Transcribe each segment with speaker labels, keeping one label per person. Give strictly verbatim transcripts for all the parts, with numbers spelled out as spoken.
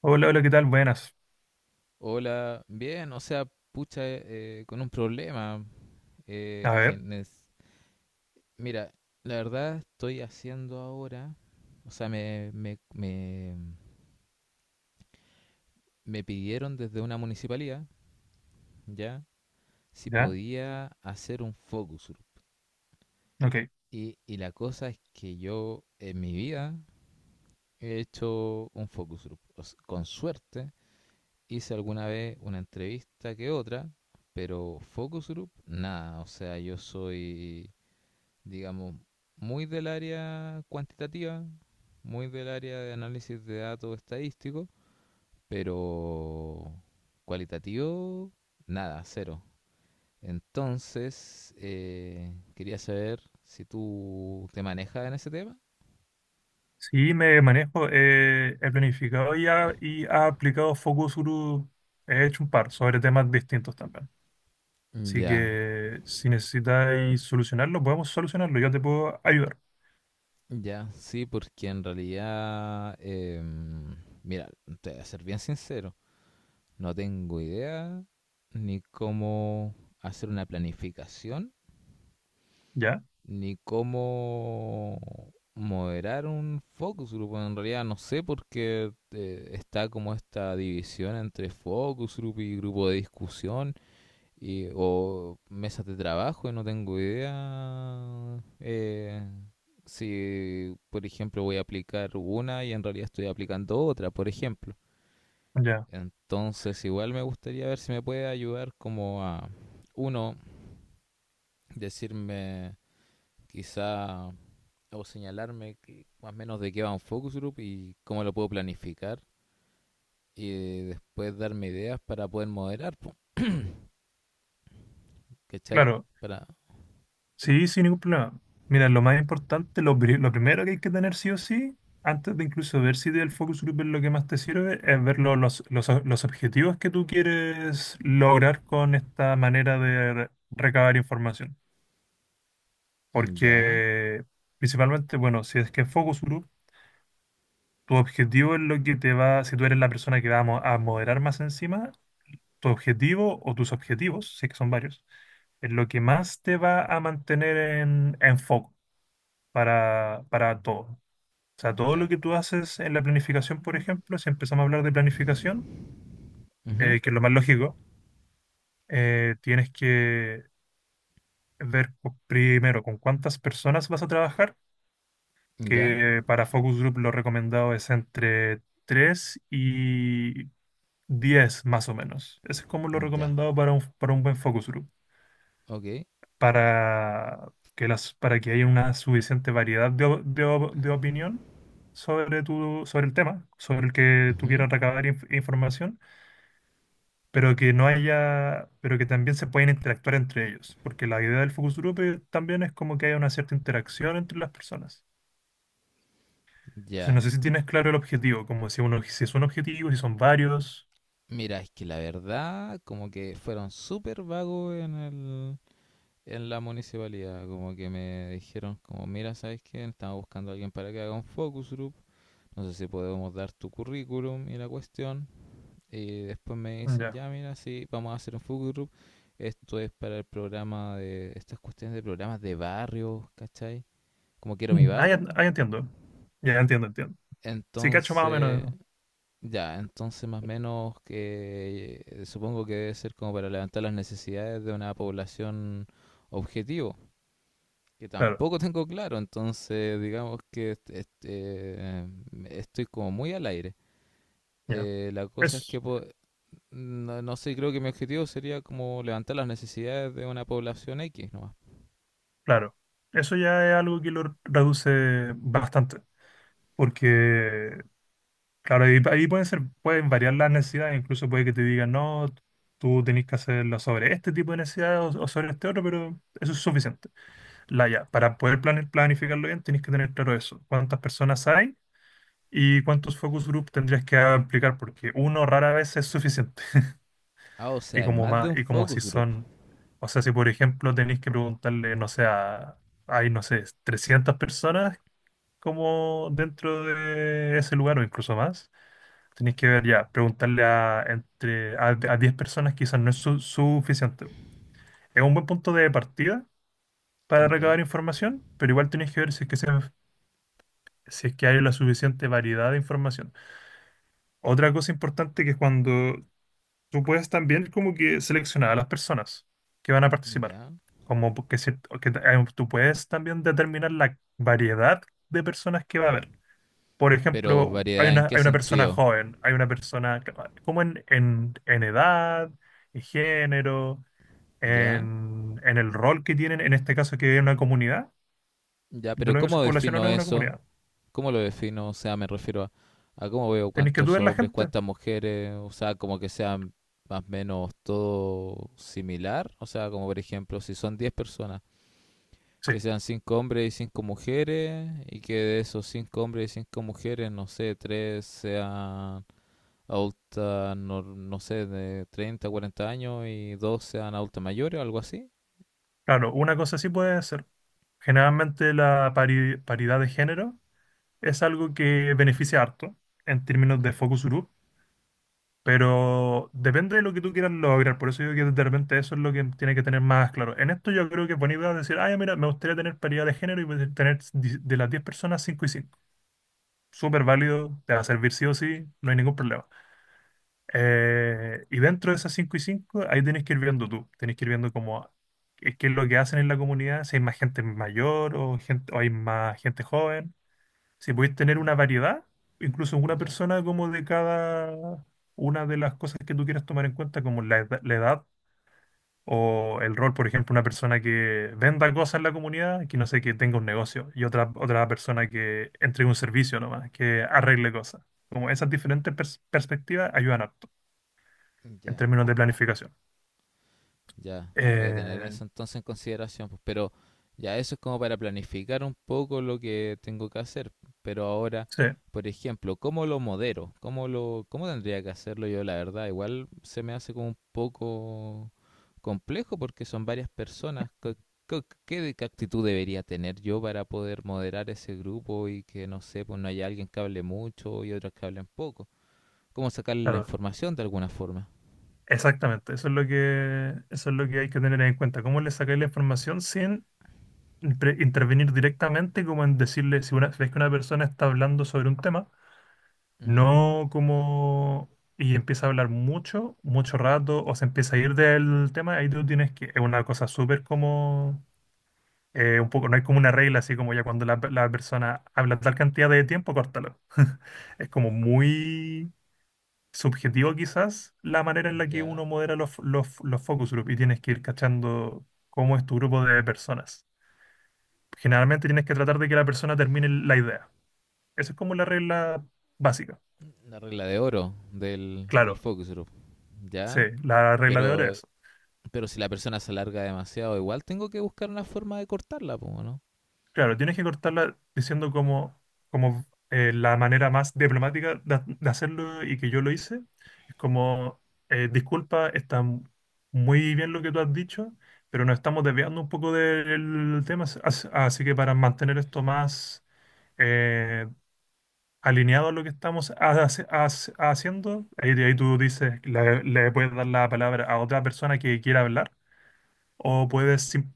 Speaker 1: Hola, hola, ¿qué tal? Buenas.
Speaker 2: Hola, bien, o sea, pucha, eh, con un problema. eh,
Speaker 1: A
Speaker 2: que
Speaker 1: ver,
Speaker 2: nes- Mira, la verdad estoy haciendo ahora, o sea, me, me, me, me pidieron desde una municipalidad, ¿ya? Si
Speaker 1: ya,
Speaker 2: podía hacer un focus group.
Speaker 1: ok.
Speaker 2: Y, y la cosa es que yo en mi vida he hecho un focus group. O s- con suerte hice alguna vez una entrevista que otra, pero focus group, nada, o sea, yo soy, digamos, muy del área cuantitativa, muy del área de análisis de datos estadísticos, pero cualitativo, nada, cero. Entonces, eh, quería saber si tú te manejas en ese tema.
Speaker 1: Sí, me manejo. eh, he planificado y ha, y ha aplicado Focus Group. He hecho un par sobre temas distintos también. Así
Speaker 2: Ya,
Speaker 1: que si necesitáis solucionarlo, podemos solucionarlo. Yo te puedo ayudar.
Speaker 2: ya, sí, porque en realidad, eh, mira, te voy a ser bien sincero, no tengo idea ni cómo hacer una planificación
Speaker 1: ¿Ya?
Speaker 2: ni cómo moderar un focus group. Bueno, en realidad no sé porque eh, está como esta división entre focus group y grupo de discusión y, o mesas de trabajo y no tengo idea eh, si, por ejemplo, voy a aplicar una y en realidad estoy aplicando otra, por ejemplo.
Speaker 1: Ya.
Speaker 2: Entonces igual me gustaría ver si me puede ayudar como a, uno, decirme quizá o señalarme que- más o menos de qué va un focus group y cómo lo puedo planificar y eh, después darme ideas para poder moderar, po, ¿cachai?
Speaker 1: Claro,
Speaker 2: Para...
Speaker 1: sí, sin ningún problema. Mira, lo más importante, lo, pri- lo primero que hay que tener sí o sí, antes de incluso ver si el focus group es lo que más te sirve, es ver lo- los, los, los objetivos que tú quieres lograr con esta manera de re- recabar información.
Speaker 2: mm, ya,
Speaker 1: Porque principalmente, bueno, si es que es focus group, tu objetivo es lo que te va, si tú eres la persona que va a, mo- a moderar más encima, tu objetivo o tus objetivos, sí que son varios, es lo que más te va a mantener en, en foco. para, para todo. O sea, todo lo
Speaker 2: ya.
Speaker 1: que tú haces en la planificación, por ejemplo, si empezamos a hablar de planificación,
Speaker 2: Ujú,
Speaker 1: eh, que es lo más lógico, eh, tienes que ver co- primero con cuántas personas vas a trabajar,
Speaker 2: ya,
Speaker 1: que para Focus Group lo recomendado es entre tres y diez más o menos. Ese es como lo
Speaker 2: ya.
Speaker 1: recomendado para un, para un buen Focus Group.
Speaker 2: Ok.
Speaker 1: para que las, para que haya una suficiente variedad de, o- de o- de opinión sobre tu, sobre el tema, sobre el que tú
Speaker 2: Ujú,
Speaker 1: quieras recabar inf- información, pero que no haya, pero que también se pueden interactuar entre ellos, porque la idea del focus group eh, también es como que haya una cierta interacción entre las personas. Entonces, no
Speaker 2: ya.
Speaker 1: sé si tienes claro el objetivo, como si uno, si es un objetivo, si son varios.
Speaker 2: Mira, es que la verdad, como que fueron súper vagos en el, en la municipalidad, como que me dijeron, como, mira, ¿sabes qué? Estamos buscando a alguien para que haga un focus group, no sé si podemos dar tu currículum y la cuestión, y después me dicen,
Speaker 1: Ya.
Speaker 2: ya mira, sí, vamos a hacer un focus group. Esto es para el programa de, estas cuestiones de programas de barrio, ¿cachai? Como quiero mi
Speaker 1: Mm. Ah, ya,
Speaker 2: barrio.
Speaker 1: ah, ya entiendo. Ya, ya entiendo, entiendo. Sí, cacho más o
Speaker 2: Entonces,
Speaker 1: menos.
Speaker 2: ya, entonces más o menos que eh, supongo que debe ser como para levantar las necesidades de una población objetivo, que
Speaker 1: Claro,
Speaker 2: tampoco tengo claro, entonces digamos que este, este, eh, estoy como muy al aire.
Speaker 1: ya.
Speaker 2: Eh, la cosa es
Speaker 1: Eso.
Speaker 2: que po- no, no sé, creo que mi objetivo sería como levantar las necesidades de una población X nomás.
Speaker 1: Claro, eso ya es algo que lo reduce bastante, porque, claro, ahí, ahí pueden ser, pueden variar las necesidades, incluso puede que te digan, no, tú tenés que hacerlo sobre este tipo de necesidades o, o sobre este otro, pero eso es suficiente. La, ya, para poder plane- planificarlo bien, tenés que tener claro eso, cuántas personas hay y cuántos focus group tendrías que aplicar, porque uno rara vez es suficiente,
Speaker 2: Ah, o sea,
Speaker 1: y
Speaker 2: es
Speaker 1: como
Speaker 2: más de
Speaker 1: más,
Speaker 2: un
Speaker 1: y como si
Speaker 2: focus group.
Speaker 1: son, o sea, si por ejemplo tenés que preguntarle, no sé, a hay, no sé, trescientas personas como dentro de ese lugar o incluso más. Tenéis que ver ya, preguntarle a, entre, a, a diez personas quizás no es su- suficiente. Es un buen punto de partida para
Speaker 2: Ya,
Speaker 1: recabar información, pero igual tenéis que ver si es que, se- si es que hay la suficiente variedad de información. Otra cosa importante que es cuando tú puedes también como que seleccionar a las personas que van a participar.
Speaker 2: ya.
Speaker 1: Como que, se- que eh, tú puedes también determinar la variedad de personas que va a haber. Por
Speaker 2: Pero
Speaker 1: ejemplo, hay
Speaker 2: variedad, ¿en
Speaker 1: una,
Speaker 2: qué
Speaker 1: hay una persona
Speaker 2: sentido?
Speaker 1: joven, hay una persona que- ah, como en, en, en edad, en género,
Speaker 2: Ya,
Speaker 1: en, en el rol que tienen, en este caso que es una comunidad,
Speaker 2: ya,
Speaker 1: de
Speaker 2: pero
Speaker 1: lo mismo si es
Speaker 2: ¿cómo
Speaker 1: población o
Speaker 2: defino
Speaker 1: no es una
Speaker 2: eso?
Speaker 1: comunidad.
Speaker 2: ¿Cómo lo defino? O sea, me refiero a, a, cómo veo
Speaker 1: Tenéis que tú
Speaker 2: cuántos
Speaker 1: ver la
Speaker 2: hombres,
Speaker 1: gente.
Speaker 2: cuántas mujeres, o sea, como que sean más o menos todo similar. O sea, como por ejemplo, si son diez personas,
Speaker 1: Sí,
Speaker 2: que sean cinco hombres y cinco mujeres y que de esos cinco hombres y cinco mujeres, no sé, tres sean adultas, no, no sé, de treinta, cuarenta años y dos sean adultas mayores o algo así.
Speaker 1: claro, una cosa sí puede ser. Generalmente la pari- paridad de género es algo que beneficia harto en términos de focus group. Pero depende de lo que tú quieras lograr, por eso digo que de repente eso es lo que tiene que tener más claro. En esto yo creo que es buena idea decir, ah, ya, mira, me gustaría tener paridad de género y poder tener di- de las diez personas cinco y cinco. Súper válido, te va a servir sí o sí, no hay ningún problema. Eh, y dentro de esas cinco y cinco ahí tienes que ir viendo tú, tienes que ir viendo cómo, qué qué es lo que hacen en la comunidad, si hay más gente mayor o, gente, o hay más gente joven. Si podéis tener una variedad, incluso una
Speaker 2: Ya,
Speaker 1: persona como de cada una de las cosas que tú quieras tomar en cuenta, como la edad, la edad o el rol, por ejemplo, una persona que venda cosas en la comunidad, que no sé, que tenga un negocio, y otra, otra persona que entregue un servicio nomás, que arregle cosas. Como esas diferentes pers- perspectivas ayudan harto en
Speaker 2: ya.
Speaker 1: términos de planificación.
Speaker 2: Ya, voy a tener
Speaker 1: Eh,
Speaker 2: eso entonces en consideración, pues, pero ya eso es como para planificar un poco lo que tengo que hacer. Pero ahora,
Speaker 1: sí,
Speaker 2: por ejemplo, ¿cómo lo modero? ¿Cómo lo, Cómo tendría que hacerlo yo? La verdad, igual se me hace como un poco complejo porque son varias personas. ¿Qué, qué- qué de- Qué actitud debería tener yo para poder moderar ese grupo y que, no sé, pues no haya alguien que hable mucho y otros que hablen poco? ¿Cómo sacarle la
Speaker 1: claro.
Speaker 2: información de alguna forma?
Speaker 1: Exactamente, eso es lo que, eso es lo que hay que tener en cuenta. ¿Cómo le sacáis la información sin impre- intervenir directamente como en decirle, si una, si ves que una persona está hablando sobre un tema,
Speaker 2: Ujú.
Speaker 1: no como y empieza a hablar mucho, mucho rato, o se empieza a ir del tema, ahí tú tienes que, es una cosa súper como, eh, un poco, no hay como una regla, así como ya cuando la, la persona habla tal cantidad de tiempo, córtalo. Es como muy subjetivo quizás la manera en la que uno
Speaker 2: Ya.
Speaker 1: modera los, los, los focus group y tienes que ir cachando cómo es tu grupo de personas. Generalmente tienes que tratar de que la persona termine la idea. Esa es como la regla básica.
Speaker 2: La regla de oro del, del
Speaker 1: Claro,
Speaker 2: focus group.
Speaker 1: sí,
Speaker 2: Ya,
Speaker 1: la regla de oro
Speaker 2: pero,
Speaker 1: es.
Speaker 2: pero si la persona se alarga demasiado, igual tengo que buscar una forma de cortarla, po, ¿no?
Speaker 1: Claro, tienes que cortarla diciendo como, como eh, la manera más diplomática de, de hacerlo y que yo lo hice. Es como, eh, disculpa, está m- muy bien lo que tú has dicho, pero nos estamos desviando un poco del tema, as- as- así que para mantener esto más eh, alineado a lo que estamos hace- hace- haciendo, ahí, ahí tú dices, la- le puedes dar la palabra a otra persona que quiera hablar o puedes sim-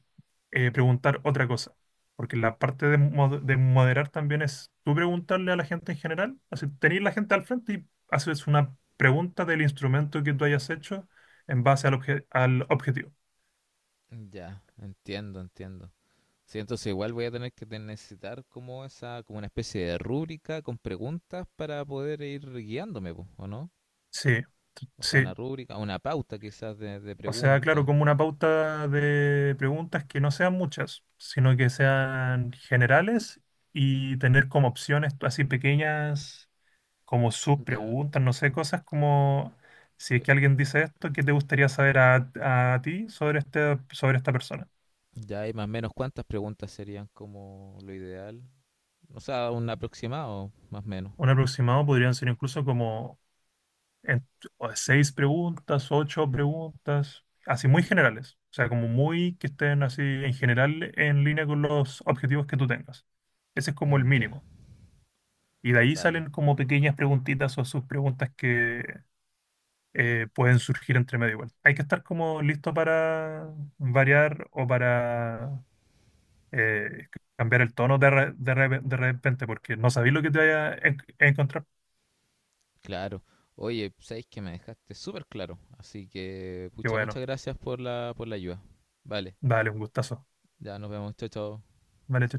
Speaker 1: eh, preguntar otra cosa. Porque la parte de, mod- de moderar también es tú preguntarle a la gente en general, así tener la gente al frente y haces una pregunta del instrumento que tú hayas hecho en base al, obje- al objetivo.
Speaker 2: Ya, entiendo, entiendo. Sí, entonces igual voy a tener que te- necesitar como esa, como una especie de rúbrica con preguntas para poder ir guiándome, po, ¿o no?
Speaker 1: Sí,
Speaker 2: O sea, una
Speaker 1: sí.
Speaker 2: rúbrica, una pauta quizás de, de
Speaker 1: O sea, claro,
Speaker 2: preguntas.
Speaker 1: como una pauta de preguntas que no sean muchas, sino que sean generales y tener como opciones así pequeñas, como
Speaker 2: Ya.
Speaker 1: subpreguntas, no sé, cosas como si es
Speaker 2: pe-
Speaker 1: que alguien dice esto, ¿qué te gustaría saber a, a ti sobre este, sobre esta persona?
Speaker 2: Ya hay más o menos cuántas preguntas serían como lo ideal. O sea, un aproximado, más o menos.
Speaker 1: Un aproximado podrían ser incluso como en- o seis preguntas, ocho preguntas, así muy generales. O sea, como muy que estén así en general en línea con los objetivos que tú tengas. Ese es como el
Speaker 2: Ya,
Speaker 1: mínimo. Y de ahí
Speaker 2: vale.
Speaker 1: salen como pequeñas preguntitas o subpreguntas que eh, pueden surgir entre medio igual. Hay que estar como listo para variar o para eh, cambiar el tono de, re- de, re- de repente porque no sabéis lo que te vaya a en- encontrar.
Speaker 2: Claro. Oye, sabéis que me dejaste súper claro. Así que,
Speaker 1: Y
Speaker 2: pucha,
Speaker 1: bueno,
Speaker 2: muchas gracias por la, por la ayuda. Vale,
Speaker 1: dale un gustazo.
Speaker 2: ya nos vemos. Chao, chao.
Speaker 1: Vale,